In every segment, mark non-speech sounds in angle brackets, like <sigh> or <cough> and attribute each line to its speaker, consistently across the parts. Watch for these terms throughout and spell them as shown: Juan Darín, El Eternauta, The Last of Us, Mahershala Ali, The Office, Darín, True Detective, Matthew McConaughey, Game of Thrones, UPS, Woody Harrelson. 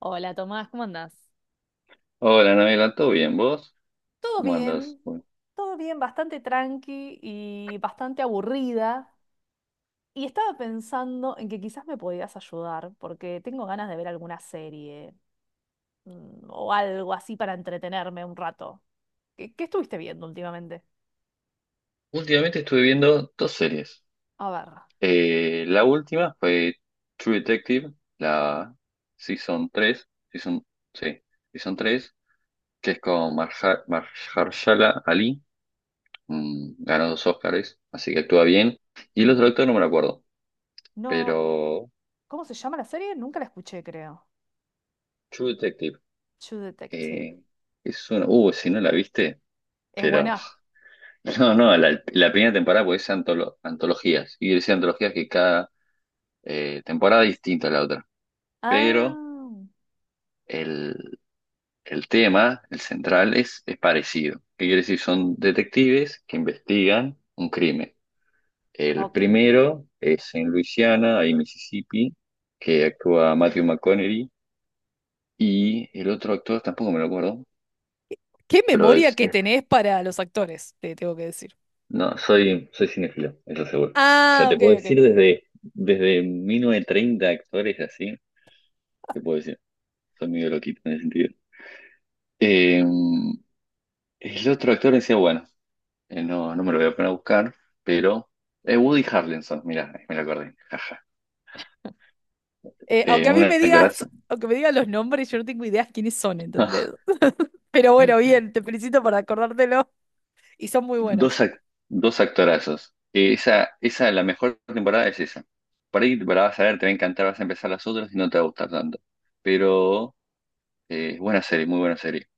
Speaker 1: Hola Tomás, ¿cómo andás?
Speaker 2: Hola, Nabila, ¿todo bien? ¿Vos?
Speaker 1: Todo
Speaker 2: ¿Cómo andás?
Speaker 1: bien,
Speaker 2: Bueno,
Speaker 1: todo bien, bastante tranqui y bastante aburrida. Y estaba pensando en que quizás me podías ayudar, porque tengo ganas de ver alguna serie o algo así para entretenerme un rato. ¿Qué estuviste viendo últimamente?
Speaker 2: últimamente estuve viendo dos series.
Speaker 1: A ver.
Speaker 2: La última fue True Detective, la Season 3, sí, Season 3, que es con Mahershala Ali, ganó dos Óscares, así que actúa bien. Y el otro
Speaker 1: Bien.
Speaker 2: actor no me lo acuerdo,
Speaker 1: No,
Speaker 2: pero
Speaker 1: ¿cómo se llama la serie? Nunca la escuché, creo.
Speaker 2: True Detective,
Speaker 1: True Detective.
Speaker 2: eh, es una... si no la viste,
Speaker 1: ¿Es
Speaker 2: pero... <laughs>
Speaker 1: buena?
Speaker 2: No, no, la primera temporada, pues es antologías. Y decía antologías que cada temporada distinta a la otra, pero
Speaker 1: Ah,
Speaker 2: el, el tema, el central, es parecido. ¿Qué quiere decir? Son detectives que investigan un crimen. El
Speaker 1: ok.
Speaker 2: primero es en Luisiana y Mississippi, que actúa Matthew McConaughey, y el otro actor tampoco me lo acuerdo,
Speaker 1: ¿Qué
Speaker 2: pero
Speaker 1: memoria que tenés para los actores? Te tengo que decir.
Speaker 2: no, soy cinéfilo, eso seguro. O sea,
Speaker 1: Ah,
Speaker 2: te
Speaker 1: ok,
Speaker 2: puedo
Speaker 1: ok.
Speaker 2: decir desde 1930 actores así, te puedo decir, soy medio loquito en ese sentido. Em, El otro actor decía, bueno, no, no me lo voy a poner a buscar, pero Woody Harrelson, mira, me lo acordé, jaja.
Speaker 1: Aunque
Speaker 2: Eh,
Speaker 1: a
Speaker 2: un
Speaker 1: mí me digas,
Speaker 2: actorazo.
Speaker 1: aunque me digas los nombres, yo no tengo idea quiénes son, ¿entendés?
Speaker 2: <laughs>
Speaker 1: <laughs> Pero bueno, bien, te felicito por acordártelo y son muy buenos.
Speaker 2: Dos dos actorazos. La mejor temporada es esa. Por ahí la vas a ver, te va a encantar, vas a empezar las otras y no te va a gustar tanto. Pero buena serie, muy buena serie.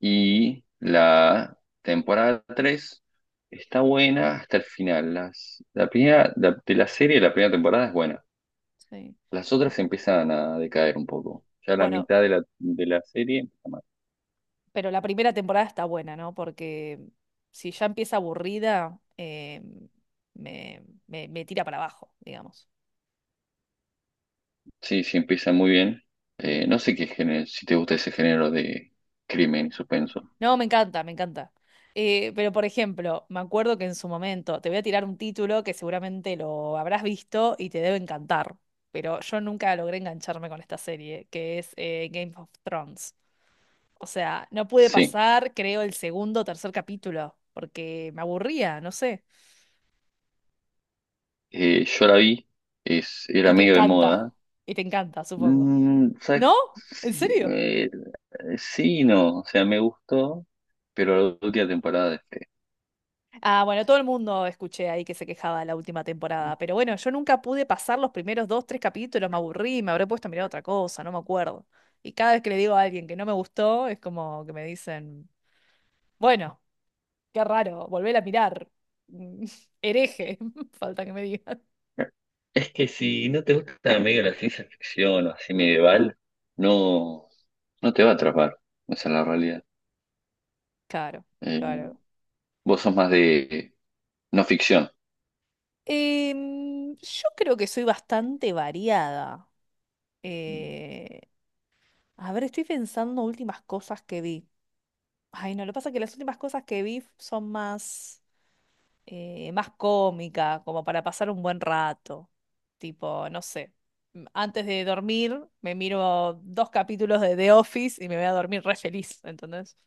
Speaker 2: Y la temporada 3 está buena hasta el final. Las, la primera, la- De la serie, la primera temporada es buena.
Speaker 1: Sí.
Speaker 2: Las otras empiezan a decaer un poco. Ya la
Speaker 1: Bueno,
Speaker 2: mitad de la serie empieza mal.
Speaker 1: pero la primera temporada está buena, ¿no? Porque si ya empieza aburrida, me tira para abajo, digamos.
Speaker 2: Sí, sí, empieza muy bien. No sé qué género, si te gusta ese género de crimen y suspenso.
Speaker 1: No, me encanta, me encanta. Pero por ejemplo, me acuerdo que en su momento te voy a tirar un título que seguramente lo habrás visto y te debe encantar, pero yo nunca logré engancharme con esta serie, que es Game of Thrones. O sea, no pude
Speaker 2: Sí,
Speaker 1: pasar, creo, el segundo o tercer capítulo, porque me aburría, no sé.
Speaker 2: yo la vi, es,
Speaker 1: Y
Speaker 2: era
Speaker 1: te
Speaker 2: medio de
Speaker 1: encanta,
Speaker 2: moda.
Speaker 1: y te encanta, supongo.
Speaker 2: Mm, o sea,
Speaker 1: ¿No? ¿En
Speaker 2: sí,
Speaker 1: serio?
Speaker 2: sí y no, o sea, me gustó, pero la última temporada dejé.
Speaker 1: Ah, bueno, todo el mundo escuché ahí que se quejaba de la última temporada, pero bueno, yo nunca pude pasar los primeros dos, tres capítulos, me aburrí, me habré puesto a mirar otra cosa, no me acuerdo. Y cada vez que le digo a alguien que no me gustó, es como que me dicen, bueno, qué raro, volver a mirar. Mm, <laughs> Hereje, <laughs> falta que me digan.
Speaker 2: Es que si no te gusta medio la ciencia ficción o así medieval, no, no te va a atrapar. Esa es la realidad.
Speaker 1: Claro,
Speaker 2: Eh,
Speaker 1: claro.
Speaker 2: vos sos más de no ficción.
Speaker 1: Yo creo que soy bastante variada. Eh, a ver, estoy pensando últimas cosas que vi. Ay, no, lo que pasa es que las últimas cosas que vi son más más cómica, como para pasar un buen rato. Tipo, no sé. Antes de dormir, me miro dos capítulos de The Office y me voy a dormir re feliz, ¿entendés?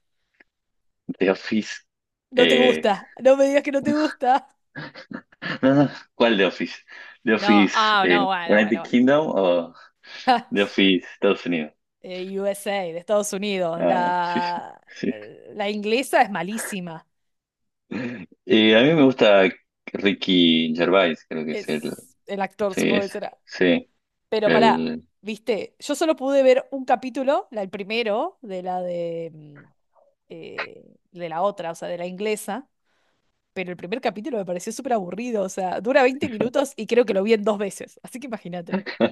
Speaker 2: The Office.
Speaker 1: No te
Speaker 2: Eh,
Speaker 1: gusta, no me digas que no te gusta.
Speaker 2: no, no, ¿cuál The Office? The
Speaker 1: No,
Speaker 2: Office
Speaker 1: ah, no, bueno,
Speaker 2: United
Speaker 1: bueno.
Speaker 2: Kingdom o
Speaker 1: bueno. <laughs>
Speaker 2: The Office Estados Unidos.
Speaker 1: USA, de Estados Unidos.
Speaker 2: Ah, sí, sí,
Speaker 1: La,
Speaker 2: sí.
Speaker 1: eh, la inglesa es malísima.
Speaker 2: A mí me gusta Ricky Gervais, creo que es el.
Speaker 1: Es el actor,
Speaker 2: Sí,
Speaker 1: supongo que
Speaker 2: es.
Speaker 1: será.
Speaker 2: Sí.
Speaker 1: Pero pará,
Speaker 2: El,
Speaker 1: viste, yo solo pude ver un capítulo, el primero, de la de eh, de la otra, o sea, de la inglesa, pero el primer capítulo me pareció súper aburrido, o sea, dura 20 minutos y creo que lo vi en dos veces, así que imagínate.
Speaker 2: <laughs>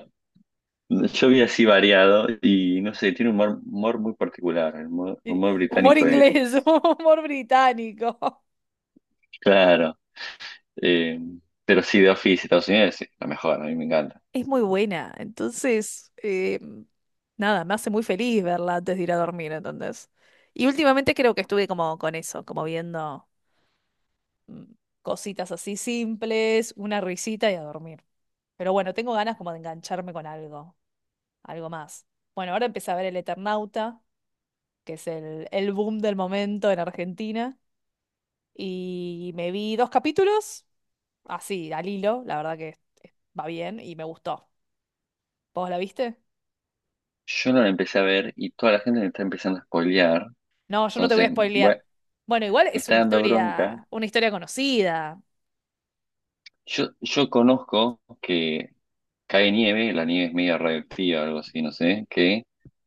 Speaker 2: yo vi así variado y no sé, tiene un humor, humor muy particular. El humor,
Speaker 1: Y
Speaker 2: humor
Speaker 1: humor
Speaker 2: británico es.
Speaker 1: inglés, <laughs> humor británico.
Speaker 2: Claro. eh, pero sí, The Office Estados Unidos es la mejor, a mí me encanta.
Speaker 1: Es muy buena, entonces, nada, me hace muy feliz verla antes de ir a dormir, entonces. Y últimamente creo que estuve como con eso, como viendo mm, cositas así simples, una risita y a dormir. Pero bueno, tengo ganas como de engancharme con algo, algo más. Bueno, ahora empecé a ver El Eternauta, que es el boom del momento en Argentina. Y me vi dos capítulos, así, al hilo, la verdad que va bien y me gustó. ¿Vos la viste?
Speaker 2: Yo no la empecé a ver y toda la gente me está empezando a spoilear.
Speaker 1: No, yo no te voy a
Speaker 2: Entonces,
Speaker 1: spoilear.
Speaker 2: bueno,
Speaker 1: Bueno, igual
Speaker 2: me
Speaker 1: es
Speaker 2: está dando bronca.
Speaker 1: una historia conocida.
Speaker 2: Yo conozco que cae nieve, la nieve es medio radioactiva, o algo así, no sé, que,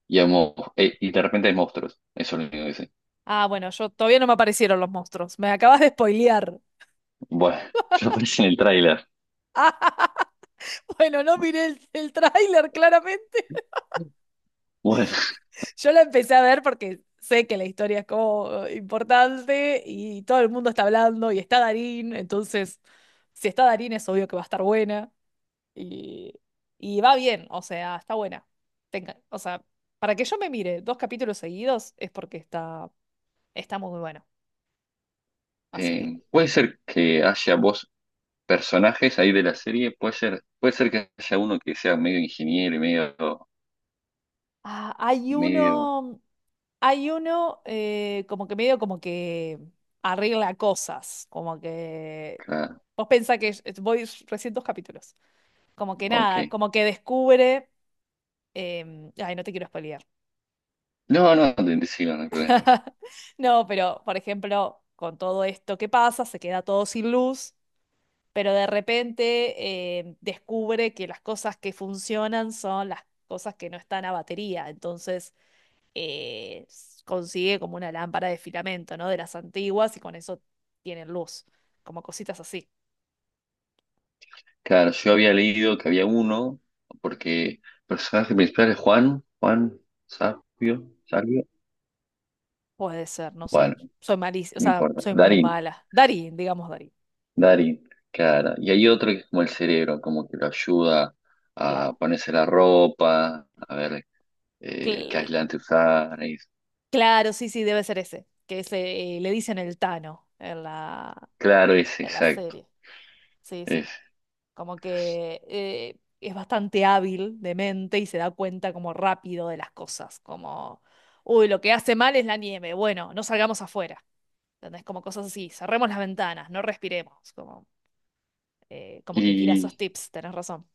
Speaker 2: y, y de repente hay monstruos. Eso es lo único que sé.
Speaker 1: Ah, bueno, yo todavía no me aparecieron los monstruos. Me acabas de spoilear. <laughs>
Speaker 2: Bueno, <laughs> eso aparece en el tráiler.
Speaker 1: Bueno, no miré el tráiler claramente.
Speaker 2: Bueno,
Speaker 1: Yo la empecé a ver porque sé que la historia es como importante y todo el mundo está hablando y está Darín, entonces si está Darín es obvio que va a estar buena. Y, y va bien, o sea, está buena. O sea, para que yo me mire dos capítulos seguidos es porque está, está muy bueno. Así que.
Speaker 2: puede ser que haya vos personajes ahí de la serie, puede ser que haya uno que sea medio ingeniero y medio,
Speaker 1: Ah, hay
Speaker 2: medio,
Speaker 1: uno. Hay uno como que medio como que arregla cosas. Como que.
Speaker 2: claro,
Speaker 1: Vos pensás que es- Voy recién dos capítulos. Como que
Speaker 2: ok.
Speaker 1: nada, como que descubre. Ay, no te quiero spoilear.
Speaker 2: No, no, te sigo, no hay problema.
Speaker 1: <laughs> No, pero por ejemplo, con todo esto que pasa, se queda todo sin luz. Pero de repente descubre que las cosas que funcionan son las cosas que no están a batería. Entonces consigue como una lámpara de filamento, ¿no? De las antiguas y con eso tienen luz, como cositas así.
Speaker 2: Claro, yo había leído que había uno, porque el personaje principal es Juan, Sabio,
Speaker 1: Puede ser, no sé.
Speaker 2: bueno,
Speaker 1: Soy malísima, o
Speaker 2: no
Speaker 1: sea,
Speaker 2: importa,
Speaker 1: soy muy
Speaker 2: Darín,
Speaker 1: mala. Darín, digamos Darín.
Speaker 2: Darín, claro. Y hay otro que es como el cerebro, como que lo ayuda a
Speaker 1: Claro.
Speaker 2: ponerse la ropa, a ver qué
Speaker 1: Cl-
Speaker 2: aislante usar.
Speaker 1: claro, sí, sí, debe ser ese, que ese, le dicen el Tano
Speaker 2: Claro, es
Speaker 1: en la
Speaker 2: exacto,
Speaker 1: serie. Sí,
Speaker 2: es.
Speaker 1: sí. Como que es bastante hábil de mente y se da cuenta como rápido de las cosas, como, uy, lo que hace mal es la nieve, bueno, no salgamos afuera, ¿entendés? Como cosas así, cerremos las ventanas, no respiremos, como, como que tira esos
Speaker 2: Y
Speaker 1: tips, tenés razón.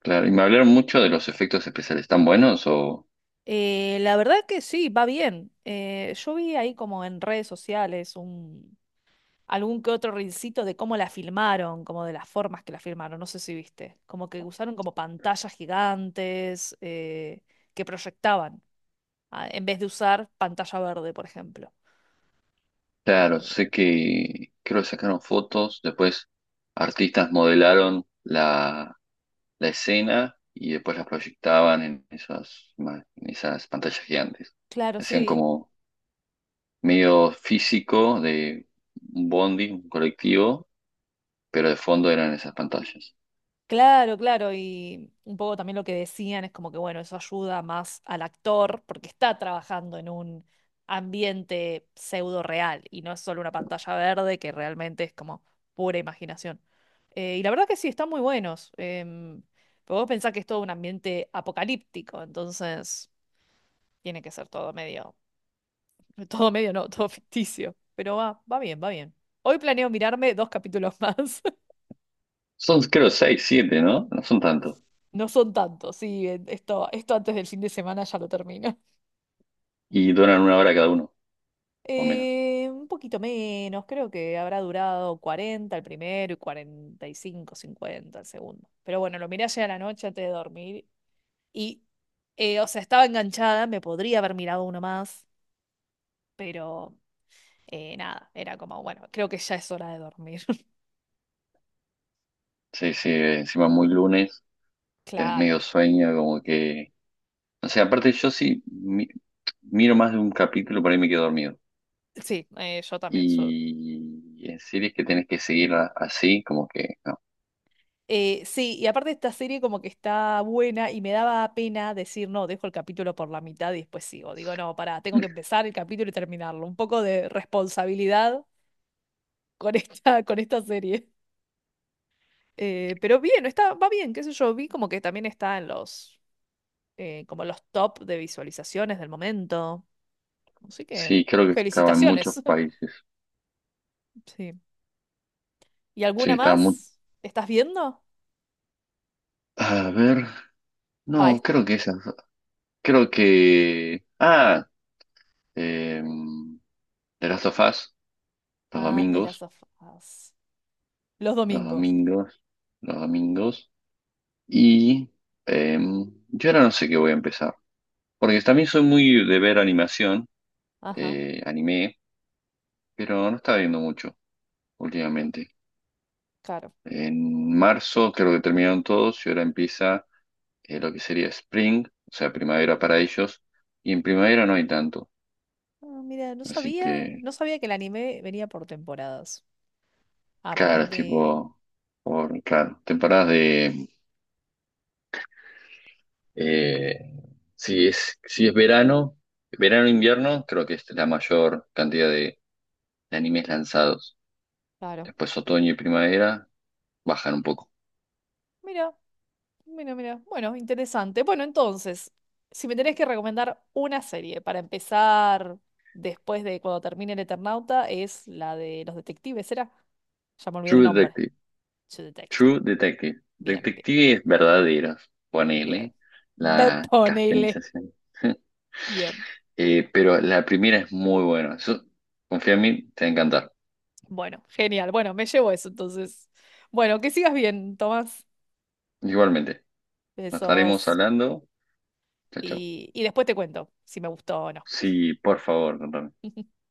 Speaker 2: claro, y me hablaron mucho de los efectos especiales, ¿están buenos? O,
Speaker 1: La verdad que sí, va bien. Yo vi ahí como en redes sociales algún que otro rincito de cómo la filmaron, como de las formas que la filmaron, no sé si viste, como que usaron como pantallas gigantes que proyectaban, en vez de usar pantalla verde, por ejemplo.
Speaker 2: claro,
Speaker 1: Eh,
Speaker 2: sé que creo que sacaron fotos, después artistas modelaron la escena y después las proyectaban en en esas pantallas gigantes.
Speaker 1: claro,
Speaker 2: Hacían
Speaker 1: sí,
Speaker 2: como medio físico de un bondi, un colectivo, pero de fondo eran esas pantallas.
Speaker 1: claro, claro, y un poco también lo que decían es como que, bueno, eso ayuda más al actor porque está trabajando en un ambiente pseudo real y no es solo una pantalla verde que realmente es como pura imaginación. Y la verdad que sí, están muy buenos. Pero vos pensás que es todo un ambiente apocalíptico, entonces tiene que ser todo medio, <laughs> todo medio no, todo ficticio. Pero va, va bien, va bien. Hoy planeo mirarme dos capítulos más. <laughs>
Speaker 2: Son creo seis, siete, ¿no? No son tantos.
Speaker 1: No son tantos, sí, esto, esto antes del fin de semana ya lo termino. <laughs>
Speaker 2: Y duran una hora cada uno, o menos.
Speaker 1: Un poquito menos, creo que habrá durado 40 el primero y 45 50 el segundo. Pero bueno, lo miré ayer a la noche antes de dormir. Y, o sea, estaba enganchada, me podría haber mirado uno más, pero nada, era como, bueno, creo que ya es hora de dormir. <laughs>
Speaker 2: Sí, sí, encima muy lunes, tenés medio
Speaker 1: Claro.
Speaker 2: sueño, como que... O sea, aparte yo miro más de un capítulo, por ahí me quedo dormido.
Speaker 1: Sí, yo también.
Speaker 2: Y en series que tenés que seguir así, como que... no.
Speaker 1: Sí, y aparte esta serie como que está buena y me daba pena decir, no, dejo el capítulo por la mitad y después sigo. Digo, no, pará, tengo que empezar el capítulo y terminarlo. Un poco de responsabilidad con esta, <laughs> con esta serie. Pero bien, está, va bien, qué sé yo, vi como que también está en los, como los top de visualizaciones del momento. Así que,
Speaker 2: Sí, creo que estaba en muchos
Speaker 1: felicitaciones. <laughs>
Speaker 2: países.
Speaker 1: Sí. ¿Y
Speaker 2: Sí,
Speaker 1: alguna
Speaker 2: estaba muy...
Speaker 1: más? ¿Estás viendo?
Speaker 2: A ver,
Speaker 1: Ah,
Speaker 2: no,
Speaker 1: es-
Speaker 2: creo que esas... Creo que... Ah, eh, The Last of Us, los
Speaker 1: ah, de las
Speaker 2: domingos,
Speaker 1: afas. Los
Speaker 2: los
Speaker 1: domingos.
Speaker 2: domingos, los domingos. Y eh, yo ahora no sé qué voy a empezar. Porque también soy muy de ver animación,
Speaker 1: Ajá,
Speaker 2: anime, pero no estaba viendo mucho últimamente.
Speaker 1: claro.
Speaker 2: En marzo creo que terminaron todos y ahora empieza... lo que sería spring, o sea, primavera para ellos, y en primavera no hay tanto.
Speaker 1: Ah, mira, no
Speaker 2: Así
Speaker 1: sabía,
Speaker 2: que,
Speaker 1: no sabía que el anime venía por temporadas.
Speaker 2: claro, es
Speaker 1: Aprendí.
Speaker 2: tipo, por, claro, temporadas de, eh, si es, si es verano, verano-invierno, creo que es la mayor cantidad de animes lanzados.
Speaker 1: Claro.
Speaker 2: Después otoño y primavera bajan un poco.
Speaker 1: Mira, mira, mira. Bueno, interesante. Bueno, entonces, si me tenés que recomendar una serie para empezar después de cuando termine el Eternauta, es la de los detectives, ¿era? Ya me olvidé el
Speaker 2: True
Speaker 1: nombre.
Speaker 2: Detective,
Speaker 1: True Detective.
Speaker 2: True Detective,
Speaker 1: Bien, bien.
Speaker 2: detectives verdaderos,
Speaker 1: Bien.
Speaker 2: ponele la
Speaker 1: Ponele.
Speaker 2: castanización. <laughs>
Speaker 1: Bien.
Speaker 2: Pero la primera es muy buena. Confía en mí, te va a encantar.
Speaker 1: Bueno, genial. Bueno, me llevo eso entonces. Bueno, que sigas bien, Tomás.
Speaker 2: Igualmente, nos estaremos
Speaker 1: Besos.
Speaker 2: hablando. Chao, chao.
Speaker 1: Y después te cuento si me gustó o no.
Speaker 2: Sí, por favor, contame.
Speaker 1: <laughs>